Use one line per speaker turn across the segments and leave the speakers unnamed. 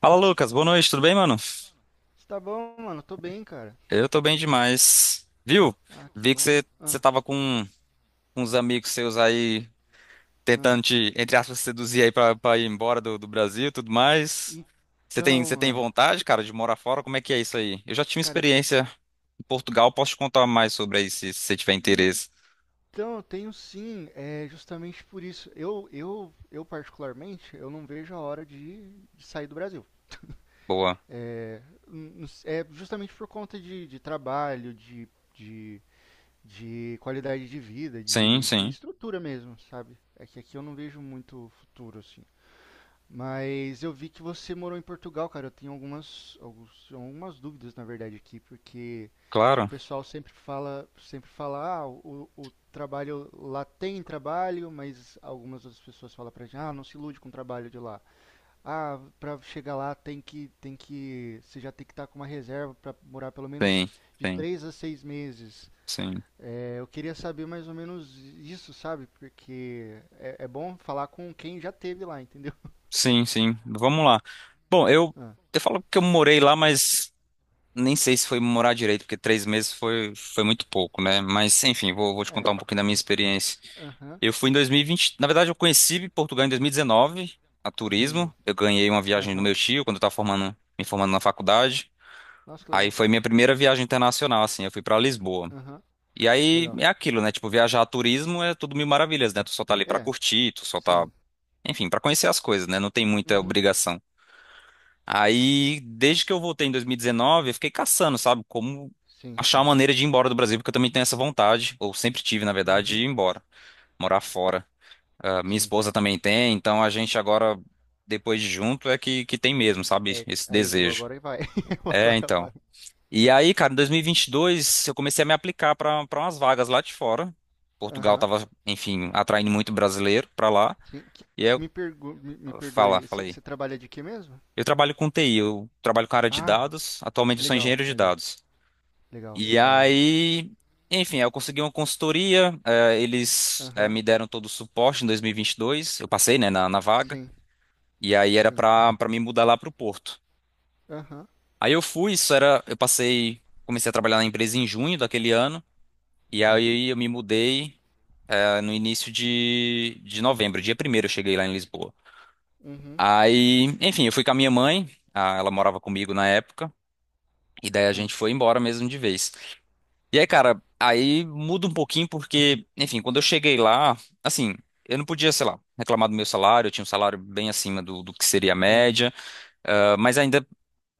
Fala, Lucas. Boa noite, tudo bem, mano?
Você tá bom, mano? Tô bem, cara.
Eu tô bem demais. Viu?
Ah, que
Vi que
bom.
você
Ah,
tava com uns amigos seus aí
ah.
tentando te, entre aspas, seduzir aí pra ir embora do Brasil e tudo mais. Você tem,
Então,
você tem
mano.
vontade, cara, de morar fora? Como é que é isso aí? Eu já tive
Cara, eu
experiência em Portugal, posso te contar mais sobre aí se você tiver interesse.
então, tenho sim. É justamente por isso. Eu particularmente, eu não vejo a hora de sair do Brasil.
Boa.
É justamente por conta de trabalho, de, de qualidade de vida,
Sim,
de
sim.
estrutura mesmo, sabe? É que aqui eu não vejo muito futuro, assim. Mas eu vi que você morou em Portugal, cara. Eu tenho algumas dúvidas, na verdade, aqui, porque o
Claro.
pessoal sempre fala, ah, o trabalho lá tem trabalho, mas algumas outras pessoas falam pra gente, ah, não se ilude com o trabalho de lá. Ah, pra chegar lá tem que, você já tem que estar com uma reserva pra morar pelo menos
Sim,
de
sim,
três a seis meses.
sim.
É, eu queria saber mais ou menos isso, sabe? Porque é, é bom falar com quem já teve lá, entendeu?
Sim, sim. Vamos lá. Bom, eu,
Ah,
eu falo que eu morei lá, mas. Nem sei se foi morar direito, porque 3 meses foi muito pouco, né? Mas, enfim, vou te contar
é,
um pouquinho da minha experiência.
aham,
Eu fui em 2020. Na verdade, eu conheci Portugal em 2019, a turismo.
entendi.
Eu ganhei uma viagem do
Aham,
meu tio quando eu estava formando, me formando na faculdade.
nossa, que
Aí
legal.
foi minha primeira viagem internacional, assim. Eu fui para Lisboa.
Aham,
E aí
legal.
é aquilo, né? Tipo, viajar a turismo é tudo mil maravilhas, né? Tu só tá ali pra
É,
curtir,
sim,
enfim, pra conhecer as coisas, né? Não tem muita
uhum,
obrigação. Aí, desde que eu voltei em 2019, eu fiquei caçando, sabe? Como
sim,
achar
sim.
uma maneira de ir embora do Brasil, porque eu também tenho essa vontade, ou sempre tive, na verdade, de ir
Uhum.
embora, morar fora. Ah, minha
Sim.
esposa também tem, então a gente agora, depois de junto, é que tem mesmo, sabe?
É,
Esse
aí agora
desejo.
agora vai.
É,
Agora
então.
vai.
E aí, cara, em 2022, eu comecei a me aplicar para umas vagas lá de fora. Portugal
Aham.
tava, enfim, atraindo muito brasileiro para lá.
Sim.
E aí eu,
Me, me perdoe.
falei.
Você trabalha de quê mesmo?
Eu trabalho com TI, eu trabalho com área de
Ah,
dados. Atualmente eu sou
legal,
engenheiro de
legal,
dados.
legal,
E
da hora.
aí, enfim, eu consegui uma consultoria, eles
Aham.
me deram todo o suporte em 2022, eu passei, né, na vaga,
Sim,
e aí era
sim.
pra me mudar lá pro Porto.
Aham.
Aí eu fui, isso era, eu passei, comecei a trabalhar na empresa em junho daquele ano, e
Sim.
aí eu me mudei no início de novembro, dia primeiro eu cheguei lá em Lisboa.
Uhum.
Aí, enfim, eu fui com a minha mãe, ah, ela morava comigo na época, e daí a
Ah,
gente foi embora mesmo de vez. E aí, cara, aí muda um pouquinho porque, enfim, quando eu cheguei lá, assim, eu não podia, sei lá, reclamar do meu salário, eu tinha um salário bem acima do que seria a
entendi.
média, ah, mas ainda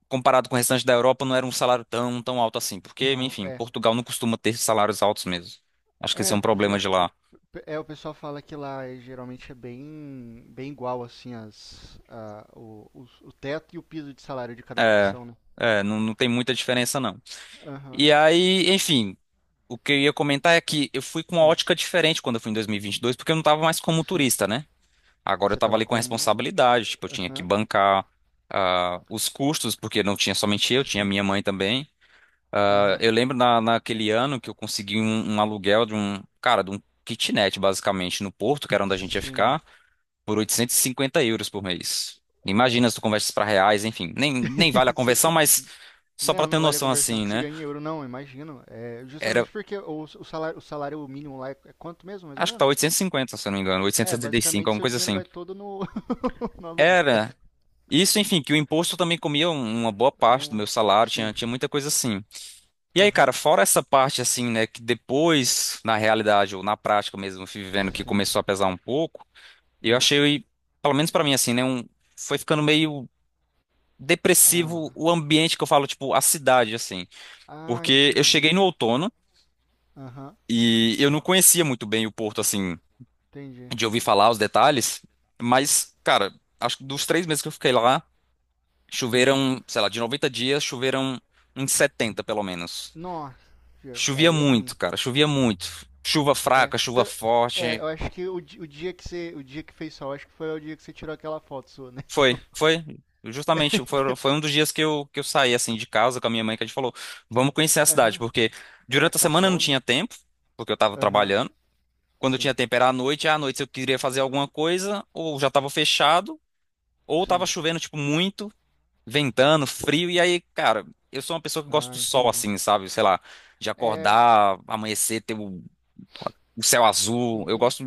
comparado com o restante da Europa não era um salário tão, tão alto assim, porque,
Então,
enfim,
é.
Portugal não costuma ter salários altos mesmo. Acho que esse é
É,
um problema
ge-
de lá.
o pessoal fala que lá é, geralmente é bem, bem igual, assim, as, a, o, os- o teto e o piso de salário de cada
É,
profissão, né?
é, não tem muita diferença não.
Aham.
E aí, enfim, o que eu ia comentar é que eu fui com uma
Hum,
ótica diferente quando eu fui em 2022, porque eu não tava mais como
sim.
turista, né? Agora eu
Você
tava
tava
ali com
como.
responsabilidade, tipo, eu tinha que
Aham.
bancar ah, os custos, porque não tinha somente eu, tinha
Sim.
minha mãe também. Ah,
Aham.
eu lembro na, naquele ano que eu consegui um, um aluguel de um, cara, de um kitnet, basicamente, no Porto, que era onde a gente ia
Sim.
ficar, por €850 por mês.
É.
Imagina se tu converte para reais, enfim, nem vale a
Você
conversão,
gan-
mas só pra
Não,
ter
não vale a
noção
conversão
assim,
que você
né?
ganha em euro, não, imagino. É
Era,
justamente porque o salário, o salário mínimo lá é quanto mesmo, mais ou
acho que tá
menos?
850, se eu não me engano,
É,
875,
basicamente
alguma
seu
coisa
dinheiro
assim.
vai todo no, no aluguel.
Era isso, enfim, que o imposto também comia uma boa parte do
Um-
meu salário, tinha,
sim.
tinha muita coisa assim. E aí,
Aham.
cara, fora essa parte assim, né, que depois, na realidade, ou na prática mesmo, eu fui vivendo que
Sim.
começou a pesar um pouco, eu
Hum.
achei, pelo menos pra mim, assim, né, um, foi ficando meio depressivo
Ah,
o ambiente que eu falo, tipo, a cidade, assim.
ah,
Porque eu
entendi.
cheguei no outono
Aham.
e eu não conhecia muito bem o Porto, assim,
Entendi.
de ouvir falar os detalhes, mas, cara, acho que dos 3 meses que eu fiquei lá.
Hum.
Choveram, sei lá, de 90 dias, choveram uns 70, pelo menos.
Nossa,
Chovia
aí é ruim.
muito, cara, chovia muito. Chuva
É.
fraca, chuva
É,
forte.
eu acho que o dia que você, o dia que fez sol, acho que foi o dia que você tirou aquela foto sua, né?
Foi, foi. Justamente, foi, foi um dos dias que eu saí, assim, de casa com a minha mãe, que a gente falou, vamos conhecer a cidade,
Aham.
porque
É,
durante a
tá
semana eu não
sol, né?
tinha tempo, porque eu tava
Aham,
trabalhando. Quando eu
sim,
tinha tempo era à noite, e à noite se eu queria fazer alguma coisa, ou já tava fechado, ou tava
sim.
chovendo, tipo, muito, ventando, frio, e aí, cara, eu sou uma pessoa que gosta
Ah,
do sol,
entendi.
assim, sabe? Sei lá, de acordar, amanhecer, ter o céu azul. Eu
Uhum.
gosto,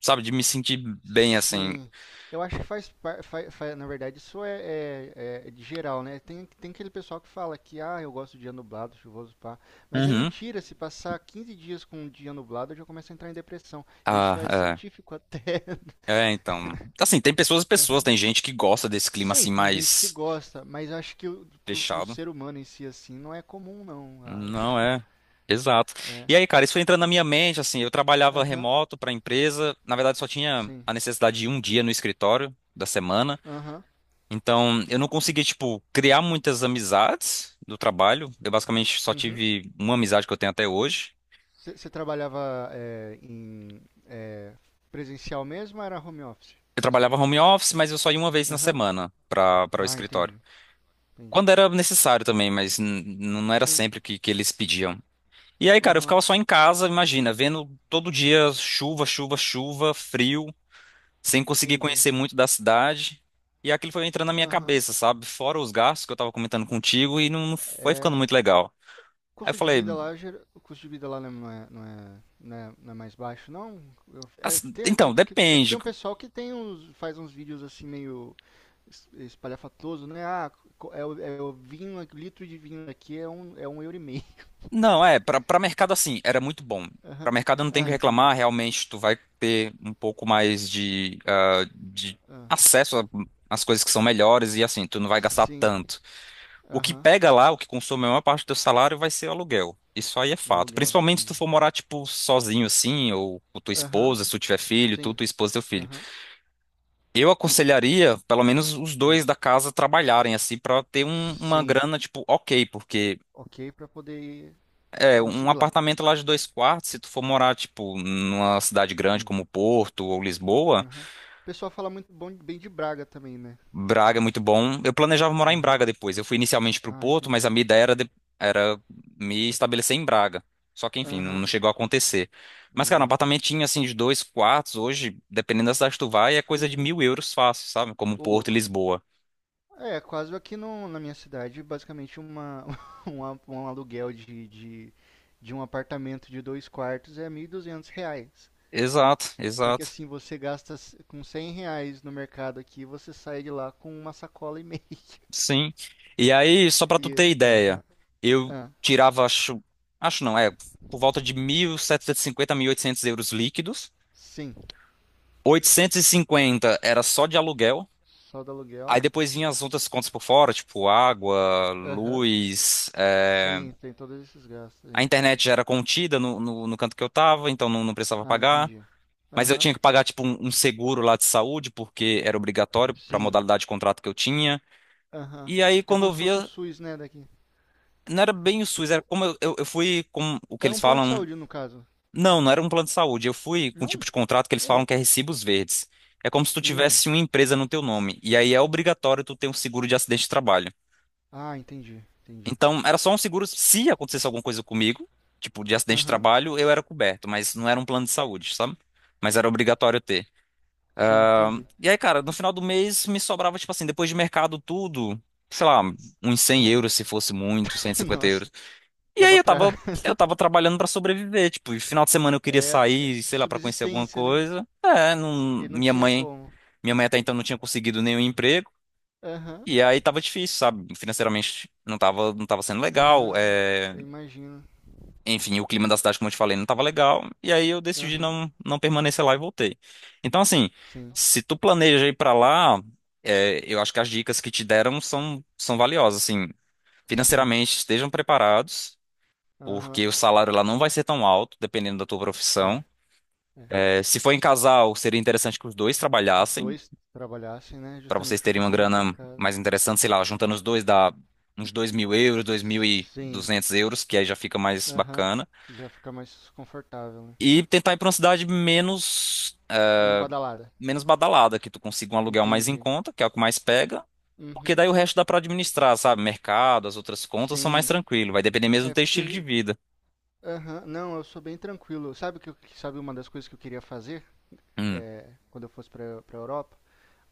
sabe, de me sentir bem, assim.
Sim. Eu acho que faz, na verdade, isso é é de geral, né? Tem aquele pessoal que fala que, ah, eu gosto de dia nublado, chuvoso, pá. Mas é
Uhum.
mentira, se passar 15 dias com um dia nublado, eu já começo a entrar em depressão. Isso é
Ah,
científico até.
é. É, então. Assim, tem pessoas e pessoas,
Aham.
tem gente que gosta desse clima,
Sim,
assim,
tem gente que
mais
gosta, mas eu acho que pro, pro
fechado.
ser humano em si, assim, não é comum, não, eu
Não
acho.
é. Exato. E aí, cara, isso foi entrando na minha mente, assim, eu trabalhava
Aham,
remoto para a empresa, na verdade só tinha
sim.
a necessidade de um dia no escritório da semana.
Aham,
Então, eu não consegui, tipo, criar muitas amizades do trabalho. Eu basicamente só
uhum.
tive uma amizade que eu tenho até hoje.
Você trabalhava é, presencial mesmo ou era home office?
Eu
Cê-
trabalhava home office, mas eu só ia uma vez na
Aham.
semana para o
Ah,
escritório.
entendi. Entendi.
Quando era necessário também, mas não era
Sim.
sempre que eles pediam. E aí, cara, eu
Aham.
ficava só em casa, imagina, vendo todo dia chuva, chuva, chuva, frio, sem conseguir
Entendi.
conhecer muito da cidade. E aquilo foi entrando na minha
Aham.
cabeça, sabe? Fora os gastos que eu tava comentando contigo e não foi
É.
ficando muito legal. Aí eu
Custo de
falei,
vida lá, o custo de vida lá não é mais baixo, não?
assim,
Tem, tem,
então,
porque eu
depende.
tenho um pessoal que tem uns, faz uns vídeos assim meio espalhafatoso, né? Ah, é o vinho, aqui, o litro de vinho aqui é um euro e meio.
Não, é, para mercado assim, era muito bom. Para
Aham.
mercado não tem o
Ah,
que
entendi.
reclamar, realmente tu vai ter um pouco mais de, ah, de
Ah,
acesso às coisas que são melhores e assim, tu não vai gastar
sim.
tanto. O que
Aham.
pega lá, o que consome a maior parte do teu salário vai ser o aluguel. Isso aí é fato.
Aluguel,
Principalmente se tu
entendi.
for morar, tipo, sozinho assim, ou com tua
Aham,
esposa, se tu tiver filho, tu,
sim.
tua esposa e teu filho.
Aham,
Eu aconselharia, pelo menos, os
ah,
dois da casa trabalharem assim, pra ter uma
sim.
grana, tipo, ok, porque.
Ok, pra poder
É, um
conseguir lá.
apartamento lá de dois quartos, se tu for morar, tipo, numa cidade grande
Hum,
como Porto ou Lisboa,
aham. O pessoal fala muito bom, bem de Braga também, né?
Braga é muito bom. Eu planejava morar em
Aham.
Braga depois. Eu fui inicialmente pro
Ah,
Porto, mas a
entendi.
minha ideia era me estabelecer em Braga. Só que, enfim, não,
Aham,
não chegou a acontecer. Mas,
não
cara, um
deu.
apartamentinho, assim, de dois quartos, hoje, dependendo da cidade que tu vai, é coisa de
Uhum.
€1.000 fácil, sabe? Como
Ô,
Porto e
louco.
Lisboa.
É, quase aqui no, na minha cidade, basicamente uma, um, um aluguel de um apartamento de dois quartos é 1.200 reais.
Exato,
Só que
exato.
assim, com 100 reais no mercado aqui, você sai de lá com uma sacola e meia.
Sim. E aí, só pra tu
E,
ter ideia,
aham,
eu
ah,
tirava, acho, acho não, é, por volta de 1.750, €800 líquidos.
sim,
Oitocentos e cinquenta era só de aluguel.
só do
Aí
aluguel.
depois vinha as outras contas por fora, tipo água,
Aham,
luz.
sim, tem todos esses gastos
A
aí.
internet já era contida no canto que eu tava, então não precisava
Ah,
pagar.
entendi.
Mas eu
Aham,
tinha que pagar, tipo, um seguro lá de saúde, porque era obrigatório para a
sim,
modalidade de contrato que eu tinha.
aham.
E aí,
É
quando
como
eu
se fosse o
via,
SUS, né, daqui.
não era bem o SUS, era
Tipo,
como eu fui com o que
era
eles
um plano de
falam.
saúde no caso.
Não, não era um plano de saúde. Eu fui com um
Não,
tipo de contrato que eles
ô
falam que
louco.
é recibos verdes. É como se tu
Hum,
tivesse uma empresa no teu nome. E aí é obrigatório tu ter um seguro de acidente de trabalho.
ah, entendi, entendi.
Então, era só um seguro se acontecesse alguma coisa comigo, tipo de acidente de
Aham,
trabalho, eu era coberto, mas não era um plano de saúde, sabe? Mas era obrigatório ter.
sim, entendi.
E aí, cara, no final do mês me sobrava, tipo assim, depois de mercado tudo, sei lá, uns cem
Ah,
euros se fosse muito, cento e cinquenta euros.
nossa,
E aí
dava
eu
pra.
tava, eu tava trabalhando pra sobreviver, tipo, e final de semana eu queria
É, é
sair, sei lá, pra conhecer alguma
subsistência, né?
coisa. É, não,
Ele não
minha
tinha
mãe,
como.
minha mãe até então não tinha conseguido nenhum emprego.
Aham,
E aí tava difícil, sabe? Financeiramente não tava sendo legal.
não, eu imagino.
Enfim, o clima da cidade, como eu te falei, não tava legal. E aí eu decidi
Aham,
não permanecer lá e voltei. Então, assim,
sim,
se tu planeja ir pra lá, é, eu acho que as dicas que te deram são valiosas, assim.
sim,
Financeiramente, estejam preparados
aham,
porque o salário lá não vai ser tão alto, dependendo da tua
é.
profissão.
É,
É, se for em casal, seria interessante que os dois
os
trabalhassem,
dois trabalhassem, né?
para vocês
Justamente para
terem uma
conseguir manter a
grana
casa.
mais interessante, sei lá, juntando os dois dá uns €2.000, dois mil e
Sim.
duzentos euros, que aí já fica mais
Aham.
bacana.
Já fica mais confortável, né?
E tentar ir para uma cidade menos, é,
Menos badalada.
menos badalada, que tu consiga um aluguel mais em
Entendi.
conta, que é o que mais pega. Porque
Uhum.
daí o resto dá para administrar, sabe? Mercado, as outras contas são mais
Sim.
tranquilo. Vai depender mesmo do
É
teu estilo de
porque.
vida.
Aham. Não, eu sou bem tranquilo. Sabe uma das coisas que eu queria fazer
Hum.
quando eu fosse para pra Europa?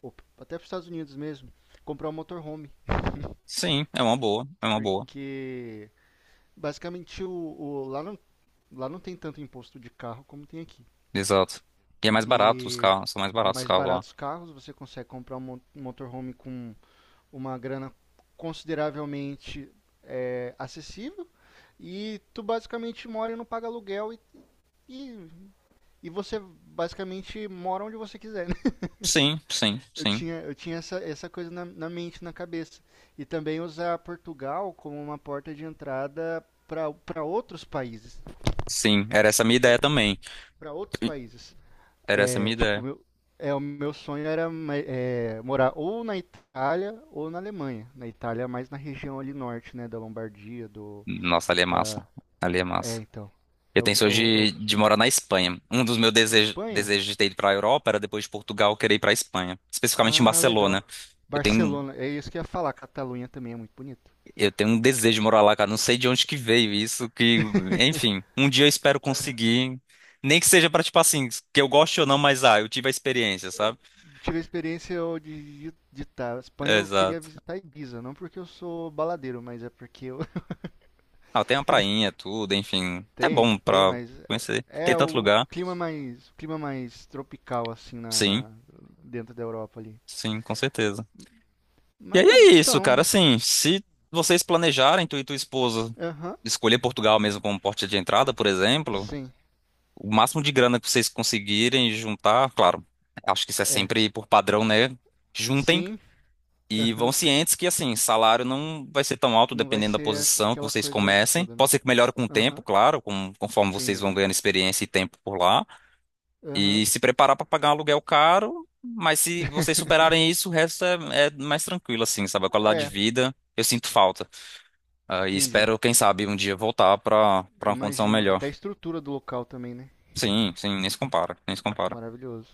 Ou até pros Estados Unidos mesmo? Comprar um motorhome.
Sim, é uma boa, é uma boa.
Porque basicamente lá não tem tanto imposto de carro como tem aqui.
Exato. E é mais barato os
E
carros, são mais
é
baratos os
mais
carros lá.
barato os carros. Você consegue comprar um motorhome com uma grana consideravelmente acessível e tu basicamente mora e não paga aluguel e, e, e você basicamente mora onde você quiser. Né?
Sim, sim,
Eu
sim.
tinha, eu tinha essa, essa coisa na, na mente, na cabeça. E também usar Portugal como uma porta de entrada para outros países.
Sim, era essa a minha ideia também.
Para outros países.
Era essa a
É,
minha
tipo,
ideia.
meu, é, o meu sonho era é, morar ou na Itália ou na Alemanha. Na Itália, mais na região ali norte, né? Da Lombardia, do.
Nossa, ali é
Da,
massa. Ali é
é,
massa.
então.
Eu
Eu,
tenho sonho
eu, eu,
de morar na Espanha. Um dos meus
a
desejos,
Espanha?
desejos de ter ido para a Europa era depois de Portugal eu querer ir para a Espanha, especificamente em
Ah, legal.
Barcelona. Eu tenho,
Barcelona, é isso que eu ia falar. Catalunha também é muito bonito.
eu tenho um desejo de morar lá, cara. Não sei de onde que veio isso, que, enfim, um dia eu espero conseguir. Nem que seja para, tipo assim, que eu goste ou não, mas ah, eu tive a experiência, sabe?
Tive a experiência eu, de tá, Espanha, eu queria
Exato.
visitar Ibiza. Não porque eu sou baladeiro, mas é porque eu,
Ah, tem uma prainha, tudo, enfim. É bom pra
Mas
conhecer. Tem tanto lugar.
o clima mais tropical assim
Sim,
dentro da Europa ali.
sim, com certeza. E aí
Mas
é isso, cara.
então,
Assim, se vocês planejarem, tu e tua esposa,
aham,
escolher Portugal mesmo como porta de entrada, por exemplo,
sim,
o máximo de grana que vocês conseguirem juntar, claro, acho que isso é
é,
sempre por padrão, né? Juntem
sim,
e vão
aham,
cientes que, assim, salário não vai ser tão alto
não vai
dependendo da
ser
posição que
aquela
vocês
coisa
comecem.
toda, né?
Pode ser que melhore com o tempo,
Aham,
claro, conforme vocês
entendi.
vão ganhando experiência e tempo por lá. E
Aham,
se preparar para pagar um aluguel caro, mas se vocês superarem isso, o resto é mais tranquilo, assim, sabe? A qualidade de
é,
vida, eu sinto falta. Ah, e
entendi.
espero, quem sabe, um dia voltar para
Eu
para uma condição
imagino,
melhor.
até a estrutura do local também, né?
Sim, sim, nem se compara, nem se compara.
Maravilhoso.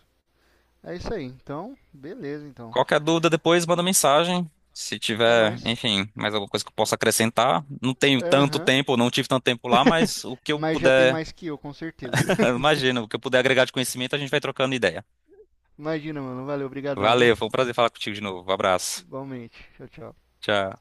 É isso aí, então, beleza, então.
Qualquer dúvida depois, manda mensagem. Se
É
tiver,
nóis.
enfim, mais alguma coisa que eu possa acrescentar. Não tenho tanto
Aham,
tempo, não tive tanto tempo lá, mas o que eu
mas já tem
puder,
mais que eu, com certeza.
imagina, o que eu puder agregar de conhecimento, a gente vai trocando ideia.
Imagina, mano, valeu, obrigadão, viu?
Valeu, foi um prazer falar contigo de novo. Abraço.
Igualmente. Tchau, tchau.
Tchau.